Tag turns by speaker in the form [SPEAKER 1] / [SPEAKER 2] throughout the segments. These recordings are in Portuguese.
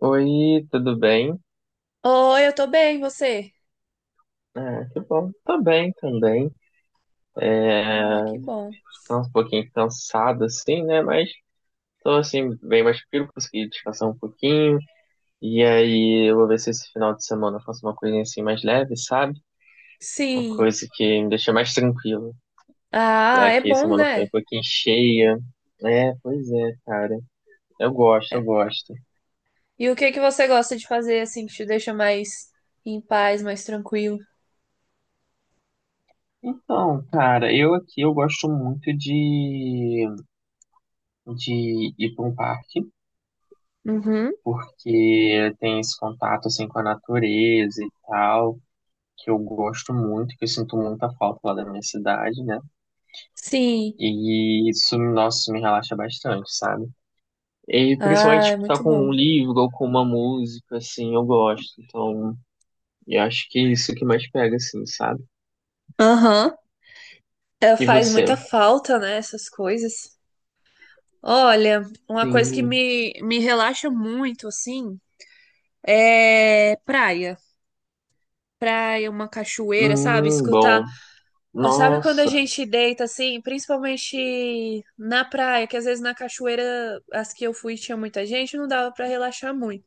[SPEAKER 1] Oi, tudo bem?
[SPEAKER 2] Oi, eu tô bem, e você?
[SPEAKER 1] Ah, que bom. Tô bem também.
[SPEAKER 2] Ah,
[SPEAKER 1] É,
[SPEAKER 2] que bom.
[SPEAKER 1] tô um pouquinho cansado, assim, né? Mas tô, assim, bem mais tranquilo, consegui descansar um pouquinho. E aí, eu vou ver se esse final de semana eu faço uma coisinha, assim, mais leve, sabe? Uma
[SPEAKER 2] Sim.
[SPEAKER 1] coisa que me deixa mais tranquilo.
[SPEAKER 2] Ah,
[SPEAKER 1] Já
[SPEAKER 2] é
[SPEAKER 1] que a
[SPEAKER 2] bom,
[SPEAKER 1] semana foi
[SPEAKER 2] né?
[SPEAKER 1] um pouquinho cheia. É, pois é, cara. Eu gosto, eu
[SPEAKER 2] É.
[SPEAKER 1] gosto.
[SPEAKER 2] E o que que você gosta de fazer assim que te deixa mais em paz, mais tranquilo?
[SPEAKER 1] Então, cara, eu aqui, eu gosto muito de ir para um parque.
[SPEAKER 2] Uhum.
[SPEAKER 1] Porque tem esse contato assim com a natureza e tal, que eu gosto muito, que eu sinto muita falta lá da minha cidade, né?
[SPEAKER 2] Sim.
[SPEAKER 1] E isso, nossa, isso me relaxa bastante, sabe? E
[SPEAKER 2] Ah,
[SPEAKER 1] principalmente
[SPEAKER 2] é
[SPEAKER 1] tipo, tá
[SPEAKER 2] muito
[SPEAKER 1] com um
[SPEAKER 2] bom.
[SPEAKER 1] livro ou com uma música, assim, eu gosto. Então, eu acho que é isso que mais pega, assim, sabe?
[SPEAKER 2] Aham. É,
[SPEAKER 1] E
[SPEAKER 2] faz
[SPEAKER 1] você?
[SPEAKER 2] muita falta, né, essas coisas. Olha, uma coisa que
[SPEAKER 1] Sim.
[SPEAKER 2] me relaxa muito, assim, é praia. Praia, uma cachoeira, sabe? Escutar.
[SPEAKER 1] Bom.
[SPEAKER 2] Sabe quando a
[SPEAKER 1] Nossa.
[SPEAKER 2] gente deita assim, principalmente na praia, que às vezes na cachoeira, as que eu fui tinha muita gente, não dava pra relaxar muito.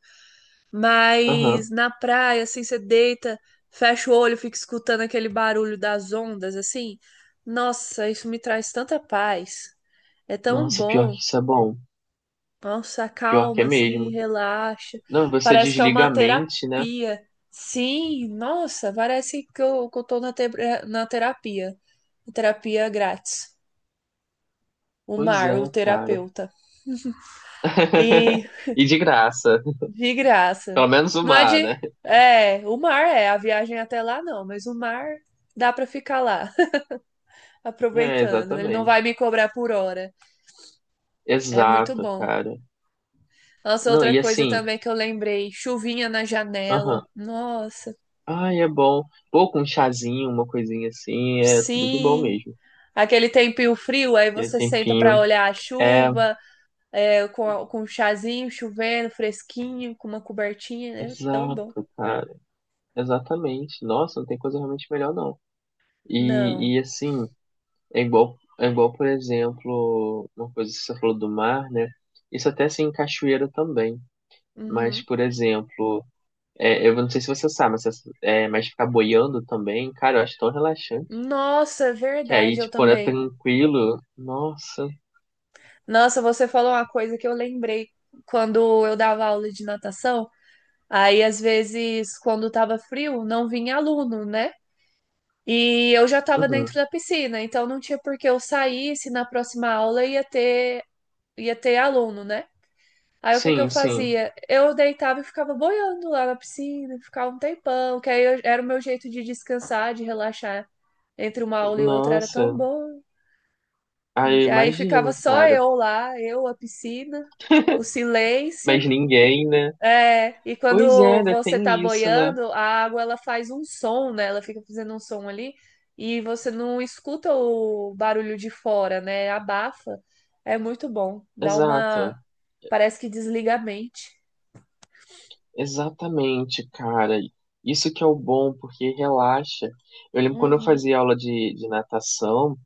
[SPEAKER 1] Aham.
[SPEAKER 2] Mas na praia, assim, você deita, fecha o olho, fica escutando aquele barulho das ondas, assim. Nossa, isso me traz tanta paz. É tão
[SPEAKER 1] Nossa, pior
[SPEAKER 2] bom.
[SPEAKER 1] que isso é bom.
[SPEAKER 2] Nossa,
[SPEAKER 1] Pior que é
[SPEAKER 2] acalma, assim,
[SPEAKER 1] mesmo.
[SPEAKER 2] relaxa.
[SPEAKER 1] Não, você
[SPEAKER 2] Parece que é
[SPEAKER 1] desliga
[SPEAKER 2] uma
[SPEAKER 1] a mente, né?
[SPEAKER 2] terapia. Sim, nossa, parece que eu tô na na terapia. Terapia grátis. O
[SPEAKER 1] Pois
[SPEAKER 2] mar,
[SPEAKER 1] é,
[SPEAKER 2] o
[SPEAKER 1] cara.
[SPEAKER 2] terapeuta. E
[SPEAKER 1] E de graça.
[SPEAKER 2] de graça.
[SPEAKER 1] Pelo menos o
[SPEAKER 2] Não é
[SPEAKER 1] mar,
[SPEAKER 2] de.
[SPEAKER 1] né?
[SPEAKER 2] É, o mar é, a viagem até lá não, mas o mar dá pra ficar lá,
[SPEAKER 1] É,
[SPEAKER 2] aproveitando. Ele não vai
[SPEAKER 1] exatamente.
[SPEAKER 2] me cobrar por hora. É muito
[SPEAKER 1] Exato,
[SPEAKER 2] bom.
[SPEAKER 1] cara.
[SPEAKER 2] Nossa,
[SPEAKER 1] Não,
[SPEAKER 2] outra
[SPEAKER 1] e
[SPEAKER 2] coisa
[SPEAKER 1] assim,
[SPEAKER 2] também que eu lembrei, chuvinha na janela.
[SPEAKER 1] aham.
[SPEAKER 2] Nossa,
[SPEAKER 1] Ai, é bom. Pô, com um chazinho, uma coisinha assim, é tudo de bom
[SPEAKER 2] sim.
[SPEAKER 1] mesmo.
[SPEAKER 2] Aquele tempinho frio, aí
[SPEAKER 1] Aquele
[SPEAKER 2] você senta pra
[SPEAKER 1] tempinho.
[SPEAKER 2] olhar a
[SPEAKER 1] É,
[SPEAKER 2] chuva, é, com um chazinho chovendo, fresquinho, com uma cobertinha, é tão bom.
[SPEAKER 1] exato, cara. Exatamente. Nossa, não tem coisa realmente melhor, não.
[SPEAKER 2] Não.
[SPEAKER 1] E assim, é igual, por exemplo, uma coisa que você falou do mar, né? Isso até assim em cachoeira também. Mas,
[SPEAKER 2] Uhum.
[SPEAKER 1] por exemplo, é, eu não sei se você sabe, mas, mas ficar boiando também, cara, eu acho tão relaxante.
[SPEAKER 2] Nossa, é
[SPEAKER 1] Que aí,
[SPEAKER 2] verdade, eu
[SPEAKER 1] tipo, quando é
[SPEAKER 2] também.
[SPEAKER 1] tranquilo, nossa.
[SPEAKER 2] Nossa, você falou uma coisa que eu lembrei quando eu dava aula de natação. Aí, às vezes, quando tava frio, não vinha aluno, né? E eu já estava dentro
[SPEAKER 1] Uhum.
[SPEAKER 2] da piscina, então não tinha por que eu sair se na próxima aula ia ter aluno, né? Aí o que que eu
[SPEAKER 1] Sim, sim.
[SPEAKER 2] fazia? Eu deitava e ficava boiando lá na piscina, ficava um tempão, que aí era o meu jeito de descansar, de relaxar entre uma aula e outra, era tão
[SPEAKER 1] Nossa.
[SPEAKER 2] bom.
[SPEAKER 1] Aí
[SPEAKER 2] E
[SPEAKER 1] eu
[SPEAKER 2] aí ficava
[SPEAKER 1] imagino,
[SPEAKER 2] só
[SPEAKER 1] cara.
[SPEAKER 2] eu lá, eu, a piscina, o silêncio.
[SPEAKER 1] Mas ninguém, né?
[SPEAKER 2] É, e
[SPEAKER 1] Pois é,
[SPEAKER 2] quando
[SPEAKER 1] né?
[SPEAKER 2] você tá
[SPEAKER 1] Tem isso, né?
[SPEAKER 2] boiando, a água ela faz um som, né? Ela fica fazendo um som ali e você não escuta o barulho de fora, né? Abafa. É muito bom. Dá
[SPEAKER 1] Exato.
[SPEAKER 2] uma. Parece que desliga a mente.
[SPEAKER 1] Exatamente, cara. Isso que é o bom, porque relaxa. Eu lembro quando eu
[SPEAKER 2] Uhum,
[SPEAKER 1] fazia aula de natação.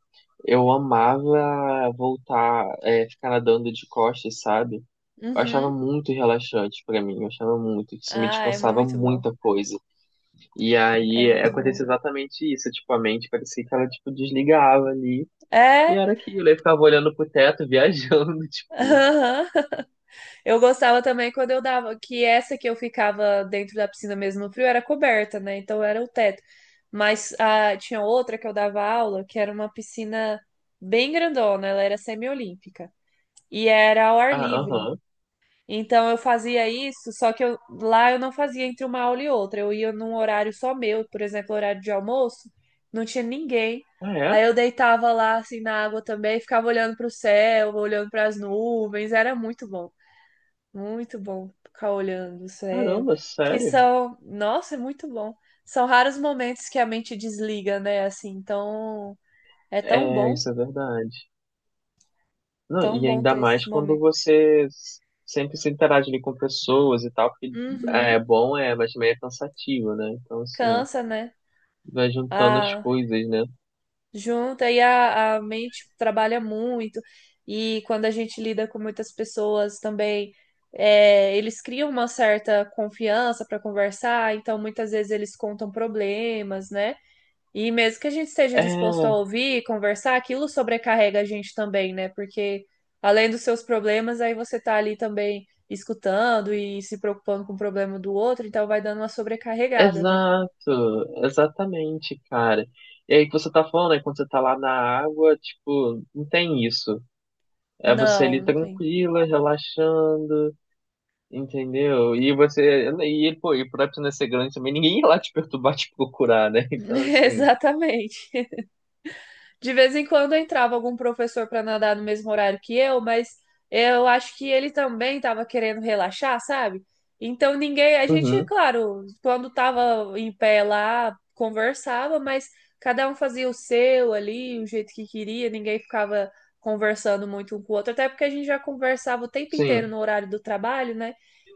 [SPEAKER 1] Eu amava voltar, é, ficar nadando de costas, sabe? Eu achava
[SPEAKER 2] uhum.
[SPEAKER 1] muito relaxante pra mim, eu achava muito, que isso me
[SPEAKER 2] Ah, é
[SPEAKER 1] descansava
[SPEAKER 2] muito bom.
[SPEAKER 1] muita coisa. E
[SPEAKER 2] É
[SPEAKER 1] aí
[SPEAKER 2] muito bom.
[SPEAKER 1] acontecia exatamente isso, tipo, a mente parecia que ela, tipo, desligava ali, e
[SPEAKER 2] É,
[SPEAKER 1] era aquilo, eu ficava olhando pro teto, viajando, tipo,
[SPEAKER 2] aham. Eu gostava também quando eu dava, que essa que eu ficava dentro da piscina mesmo no frio era coberta, né? Então era o teto. Mas ah, tinha outra que eu dava aula, que era uma piscina bem grandona, ela era semiolímpica e era ao ar
[SPEAKER 1] ah,
[SPEAKER 2] livre.
[SPEAKER 1] aham,
[SPEAKER 2] Então eu fazia isso, só que lá eu não fazia entre uma aula e outra. Eu ia num horário só meu, por exemplo, horário de almoço, não tinha ninguém.
[SPEAKER 1] ah, é?
[SPEAKER 2] Aí eu deitava lá assim na água também, ficava olhando para o céu, olhando para as nuvens, era muito bom. Muito bom ficar olhando o céu.
[SPEAKER 1] Caramba,
[SPEAKER 2] Que
[SPEAKER 1] sério?
[SPEAKER 2] são, nossa, é muito bom. São raros momentos que a mente desliga, né? Assim, então é
[SPEAKER 1] É, isso é verdade. Não,
[SPEAKER 2] tão
[SPEAKER 1] e
[SPEAKER 2] bom
[SPEAKER 1] ainda
[SPEAKER 2] ter esses
[SPEAKER 1] mais quando
[SPEAKER 2] momentos.
[SPEAKER 1] você sempre se interage ali com pessoas e tal, porque
[SPEAKER 2] Uhum.
[SPEAKER 1] é bom, é, mas também é cansativo, né? Então, assim,
[SPEAKER 2] Cansa, né?
[SPEAKER 1] vai juntando as
[SPEAKER 2] A
[SPEAKER 1] coisas, né?
[SPEAKER 2] junta e a mente trabalha muito. E quando a gente lida com muitas pessoas também, é, eles criam uma certa confiança para conversar, então muitas vezes eles contam problemas, né? E mesmo que a gente esteja disposto a
[SPEAKER 1] É,
[SPEAKER 2] ouvir e conversar, aquilo sobrecarrega a gente também, né? Porque além dos seus problemas, aí você tá ali também escutando e se preocupando com o problema do outro, então vai dando uma sobrecarregada, né?
[SPEAKER 1] exato, exatamente, cara. E aí que você tá falando, né? Quando você tá lá na água, tipo, não tem isso. É você
[SPEAKER 2] Não,
[SPEAKER 1] ali
[SPEAKER 2] não tem.
[SPEAKER 1] tranquila, relaxando, entendeu? E você, e, pô, e por não ser grande também, ninguém ia lá te perturbar, te procurar, né? Então, assim,
[SPEAKER 2] Exatamente. De vez em quando entrava algum professor para nadar no mesmo horário que eu, mas eu acho que ele também estava querendo relaxar, sabe? Então ninguém, a gente,
[SPEAKER 1] uhum,
[SPEAKER 2] claro, quando estava em pé lá, conversava, mas cada um fazia o seu ali, o jeito que queria, ninguém ficava conversando muito um com o outro, até porque a gente já conversava o tempo
[SPEAKER 1] sim.
[SPEAKER 2] inteiro no horário do trabalho, né?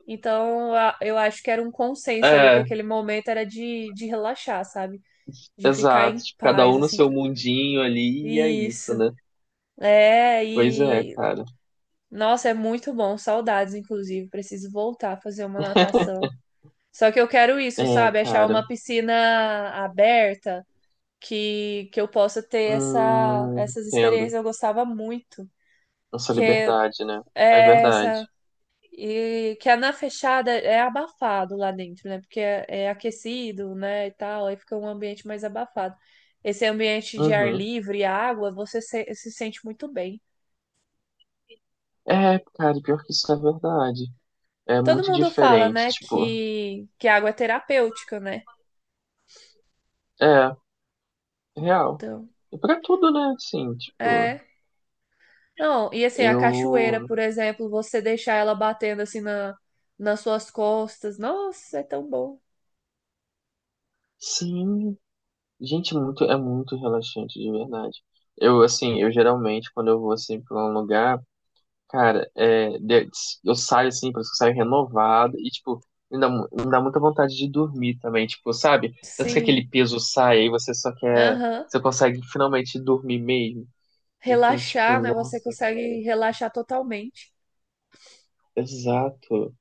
[SPEAKER 2] Então eu acho que era um consenso ali que
[SPEAKER 1] É,
[SPEAKER 2] aquele momento era de relaxar, sabe? De ficar
[SPEAKER 1] exato,
[SPEAKER 2] em
[SPEAKER 1] tipo, cada
[SPEAKER 2] paz,
[SPEAKER 1] um no
[SPEAKER 2] assim.
[SPEAKER 1] seu mundinho ali e é isso,
[SPEAKER 2] Isso.
[SPEAKER 1] né?
[SPEAKER 2] É,
[SPEAKER 1] Pois é,
[SPEAKER 2] e
[SPEAKER 1] cara.
[SPEAKER 2] nossa, é muito bom, saudades, inclusive. Preciso voltar a fazer uma natação. Só que eu quero isso,
[SPEAKER 1] É,
[SPEAKER 2] sabe? Achar
[SPEAKER 1] cara.
[SPEAKER 2] uma piscina aberta que eu possa ter essa, essas
[SPEAKER 1] Entendo.
[SPEAKER 2] experiências. Eu gostava muito.
[SPEAKER 1] Nossa
[SPEAKER 2] Que
[SPEAKER 1] liberdade, né? É
[SPEAKER 2] é essa.
[SPEAKER 1] verdade.
[SPEAKER 2] E que a na fechada é abafado lá dentro, né? Porque é, é aquecido, né? E tal, aí fica um ambiente mais abafado. Esse ambiente de ar
[SPEAKER 1] Uhum.
[SPEAKER 2] livre e água, você se sente muito bem.
[SPEAKER 1] É, cara, pior que isso é verdade. É
[SPEAKER 2] Todo
[SPEAKER 1] muito
[SPEAKER 2] mundo fala,
[SPEAKER 1] diferente,
[SPEAKER 2] né,
[SPEAKER 1] tipo,
[SPEAKER 2] que a água é terapêutica, né?
[SPEAKER 1] é, real.
[SPEAKER 2] Então,
[SPEAKER 1] E pra tudo, né? Assim, tipo,
[SPEAKER 2] é. Não, e assim, a cachoeira,
[SPEAKER 1] eu.
[SPEAKER 2] por exemplo, você deixar ela batendo assim na, nas suas costas. Nossa, é tão bom.
[SPEAKER 1] Sim, gente, muito, é muito relaxante, de verdade. Eu, assim, eu geralmente, quando eu vou, assim, pra um lugar. Cara, eu saio assim, parece que eu saio renovado e, tipo, me dá, me dá muita vontade de dormir também, tipo, sabe? Parece que aquele
[SPEAKER 2] Sim.
[SPEAKER 1] peso sai e você só quer,
[SPEAKER 2] Aham.
[SPEAKER 1] você consegue finalmente dormir mesmo. Então, tipo,
[SPEAKER 2] Relaxar, né? Você
[SPEAKER 1] nossa,
[SPEAKER 2] consegue relaxar totalmente.
[SPEAKER 1] exato.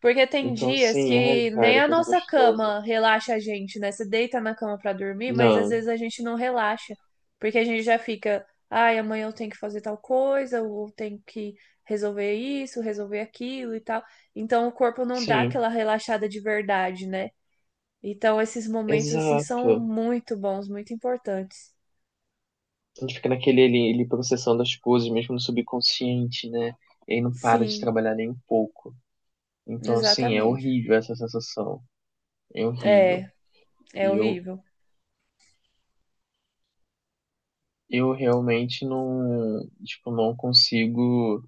[SPEAKER 2] Porque tem
[SPEAKER 1] Então,
[SPEAKER 2] dias
[SPEAKER 1] assim, ai,
[SPEAKER 2] que nem
[SPEAKER 1] cara,
[SPEAKER 2] a
[SPEAKER 1] coisa
[SPEAKER 2] nossa
[SPEAKER 1] gostosa.
[SPEAKER 2] cama relaxa a gente, né? Você deita na cama pra dormir, mas às
[SPEAKER 1] Não,
[SPEAKER 2] vezes a gente não relaxa, porque a gente já fica, ai, amanhã eu tenho que fazer tal coisa, ou tenho que resolver isso, resolver aquilo e tal. Então o corpo não dá
[SPEAKER 1] sim,
[SPEAKER 2] aquela relaxada de verdade, né? Então esses momentos assim são
[SPEAKER 1] exato.
[SPEAKER 2] muito bons, muito importantes.
[SPEAKER 1] A gente fica naquele ali processando as coisas, mesmo no subconsciente, né? E aí não para de
[SPEAKER 2] Sim,
[SPEAKER 1] trabalhar nem um pouco. Então, assim, é
[SPEAKER 2] exatamente.
[SPEAKER 1] horrível essa sensação. É horrível.
[SPEAKER 2] É, é
[SPEAKER 1] E eu,
[SPEAKER 2] horrível.
[SPEAKER 1] eu realmente não, tipo, não consigo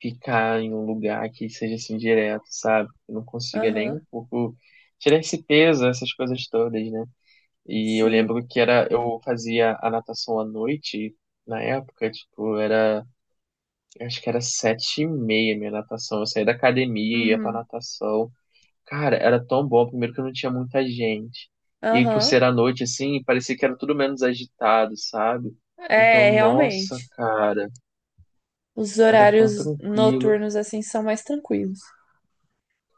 [SPEAKER 1] ficar em um lugar que seja assim direto, sabe? Eu não consiga nem
[SPEAKER 2] Aham,
[SPEAKER 1] um pouco tirar esse peso, essas coisas todas, né? E eu
[SPEAKER 2] sim.
[SPEAKER 1] lembro que era, eu fazia a natação à noite, na época, tipo, era, eu acho que era 7:30 minha natação. Eu saía da academia, ia pra
[SPEAKER 2] Uhum.
[SPEAKER 1] natação. Cara, era tão bom, primeiro que não tinha muita gente. E por
[SPEAKER 2] Aham,
[SPEAKER 1] ser à noite, assim, parecia que era tudo menos agitado, sabe? Então,
[SPEAKER 2] é,
[SPEAKER 1] nossa,
[SPEAKER 2] realmente.
[SPEAKER 1] cara,
[SPEAKER 2] Os
[SPEAKER 1] era tão
[SPEAKER 2] horários
[SPEAKER 1] tranquilo.
[SPEAKER 2] noturnos assim são mais tranquilos.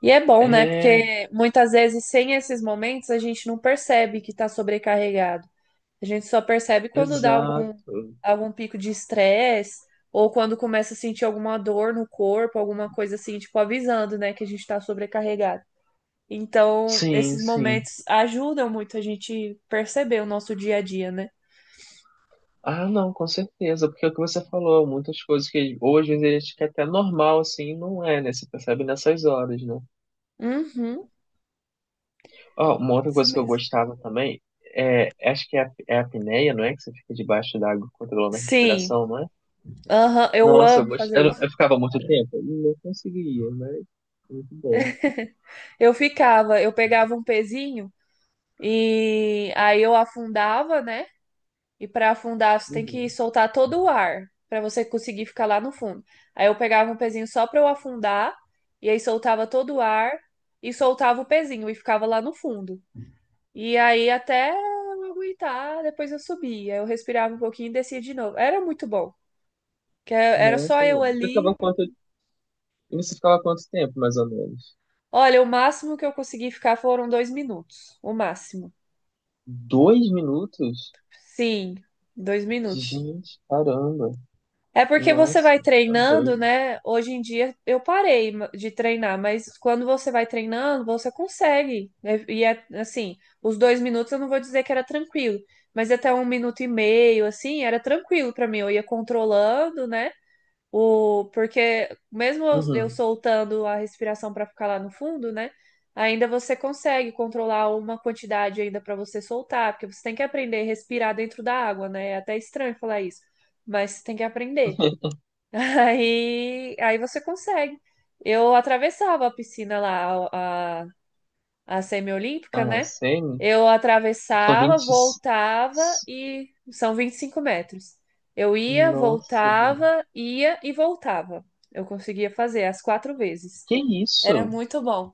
[SPEAKER 2] E é bom, né?
[SPEAKER 1] É,
[SPEAKER 2] Porque muitas vezes sem esses momentos a gente não percebe que está sobrecarregado. A gente só percebe quando dá algum,
[SPEAKER 1] exato.
[SPEAKER 2] algum pico de estresse ou quando começa a sentir alguma dor no corpo, alguma coisa assim, tipo avisando, né, que a gente está sobrecarregado. Então,
[SPEAKER 1] Sim,
[SPEAKER 2] esses
[SPEAKER 1] sim.
[SPEAKER 2] momentos ajudam muito a gente perceber o nosso dia a dia, né?
[SPEAKER 1] Ah, não, com certeza, porque é o que você falou, muitas coisas que ou às vezes a gente quer até normal, assim, não é, né? Você percebe nessas horas, né?
[SPEAKER 2] Uhum,
[SPEAKER 1] Ó, uma outra
[SPEAKER 2] isso
[SPEAKER 1] coisa que eu
[SPEAKER 2] mesmo.
[SPEAKER 1] gostava também, é, acho que é a apneia, não é? Que você fica debaixo da água controlando a
[SPEAKER 2] Sim,
[SPEAKER 1] respiração, não é?
[SPEAKER 2] aham, eu
[SPEAKER 1] Nossa, eu,
[SPEAKER 2] amo
[SPEAKER 1] gost...
[SPEAKER 2] fazer
[SPEAKER 1] eu,
[SPEAKER 2] isso.
[SPEAKER 1] eu ficava muito tempo? Não conseguia, mas muito bom.
[SPEAKER 2] Eu ficava, eu pegava um pezinho e aí eu afundava, né? E para afundar você tem que
[SPEAKER 1] Uhum.
[SPEAKER 2] soltar todo o ar para você conseguir ficar lá no fundo. Aí eu pegava um pezinho só para eu afundar e aí soltava todo o ar e soltava o pezinho e ficava lá no fundo. E aí até eu aguentar, depois eu subia, eu respirava um pouquinho e descia de novo. Era muito bom, que era só
[SPEAKER 1] Nossa,
[SPEAKER 2] eu
[SPEAKER 1] mano.
[SPEAKER 2] ali.
[SPEAKER 1] Você ficava quanto tempo, mais ou menos?
[SPEAKER 2] Olha, o máximo que eu consegui ficar foram 2 minutos, o máximo.
[SPEAKER 1] 2 minutos?
[SPEAKER 2] Sim, 2 minutos.
[SPEAKER 1] Gente, caramba.
[SPEAKER 2] É porque você
[SPEAKER 1] Nossa,
[SPEAKER 2] vai
[SPEAKER 1] tá
[SPEAKER 2] treinando,
[SPEAKER 1] doido.
[SPEAKER 2] né? Hoje em dia eu parei de treinar, mas quando você vai treinando, você consegue. E é assim, os 2 minutos eu não vou dizer que era tranquilo, mas até 1 minuto e meio, assim, era tranquilo pra mim. Eu ia controlando, né? O, porque mesmo eu
[SPEAKER 1] Uhum.
[SPEAKER 2] soltando a respiração pra ficar lá no fundo, né? Ainda você consegue controlar uma quantidade ainda pra você soltar, porque você tem que aprender a respirar dentro da água, né? É até estranho falar isso, mas você tem que aprender. Aí, aí você consegue. Eu atravessava a piscina lá, a, a, semi-olímpica,
[SPEAKER 1] Ah,
[SPEAKER 2] né?
[SPEAKER 1] semi?
[SPEAKER 2] Eu
[SPEAKER 1] São
[SPEAKER 2] atravessava,
[SPEAKER 1] 20. E-
[SPEAKER 2] voltava e são 25 metros. Eu ia,
[SPEAKER 1] Nossa, gente.
[SPEAKER 2] voltava, ia e voltava. Eu conseguia fazer as quatro vezes.
[SPEAKER 1] Que
[SPEAKER 2] Era
[SPEAKER 1] isso?
[SPEAKER 2] muito bom.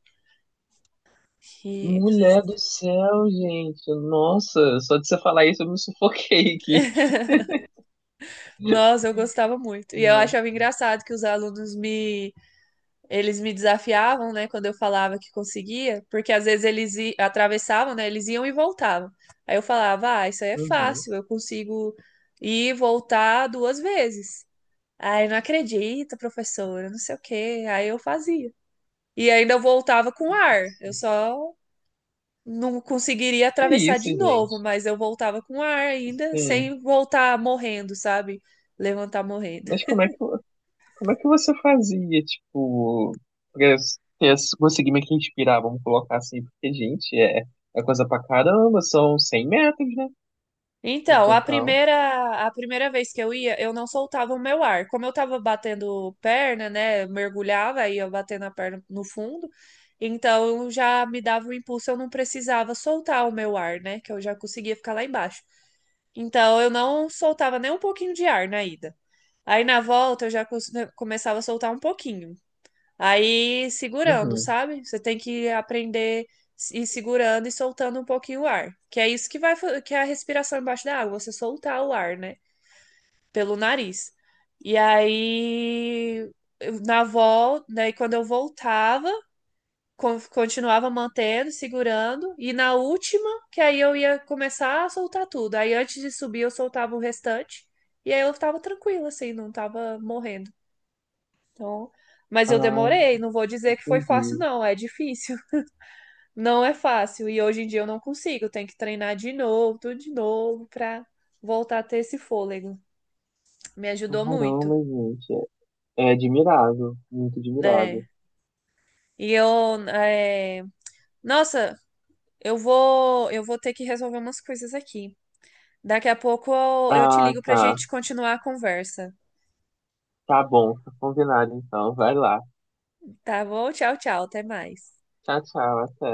[SPEAKER 2] E,
[SPEAKER 1] Mulher do céu, gente. Nossa, só de você falar isso eu me sufoquei aqui.
[SPEAKER 2] nossa, eu gostava muito. E eu achava
[SPEAKER 1] Nossa.
[SPEAKER 2] engraçado que os alunos me. Eles me desafiavam, né, quando eu falava que conseguia, porque às vezes eles atravessavam, né, eles iam e voltavam. Aí eu falava, ah, isso aí é
[SPEAKER 1] Uhum.
[SPEAKER 2] fácil, eu consigo ir e voltar duas vezes. Aí não acredita, professora, não sei o quê. Aí eu fazia. E ainda eu voltava com ar. Eu só não conseguiria
[SPEAKER 1] É
[SPEAKER 2] atravessar
[SPEAKER 1] isso,
[SPEAKER 2] de novo,
[SPEAKER 1] gente.
[SPEAKER 2] mas eu voltava com ar ainda,
[SPEAKER 1] Sim.
[SPEAKER 2] sem voltar morrendo, sabe? Levantar morrendo.
[SPEAKER 1] Mas como é que você fazia, tipo, pra conseguir meio que inspirar, vamos colocar assim, porque, gente, é, é coisa pra caramba, são 100 metros, né, no
[SPEAKER 2] Então, a
[SPEAKER 1] total.
[SPEAKER 2] primeira, a primeira vez que eu ia, eu não soltava o meu ar. Como eu tava batendo perna, né? Mergulhava, aí eu batendo a perna no fundo. Então, já me dava um impulso, eu não precisava soltar o meu ar, né? Que eu já conseguia ficar lá embaixo. Então, eu não soltava nem um pouquinho de ar na ida. Aí, na volta, eu já né, começava a soltar um pouquinho. Aí segurando,
[SPEAKER 1] Uhum.
[SPEAKER 2] sabe? Você tem que aprender a ir segurando e soltando um pouquinho o ar. Que é isso que vai, que é a respiração embaixo da água, você soltar o ar, né? Pelo nariz. E aí, na volta, daí quando eu voltava, continuava mantendo, segurando. E na última, que aí eu ia começar a soltar tudo. Aí antes de subir, eu soltava o restante. E aí eu tava tranquila, assim, não tava morrendo. Então, mas eu
[SPEAKER 1] Ah,
[SPEAKER 2] demorei, não vou dizer que foi fácil,
[SPEAKER 1] entendi.
[SPEAKER 2] não, é difícil. Não é fácil. E hoje em dia eu não consigo, tenho que treinar de novo, tudo de novo, pra voltar a ter esse fôlego. Me ajudou muito,
[SPEAKER 1] Caramba, gente, é, é admirável, muito admirável.
[SPEAKER 2] né? E eu, é, nossa, eu vou ter que resolver umas coisas aqui. Daqui a pouco eu, te
[SPEAKER 1] Ah,
[SPEAKER 2] ligo pra
[SPEAKER 1] tá.
[SPEAKER 2] gente continuar a conversa.
[SPEAKER 1] Tá bom, tá combinado então. Vai lá.
[SPEAKER 2] Tá bom? Tchau, tchau, até mais.
[SPEAKER 1] Tchau, tchau, até.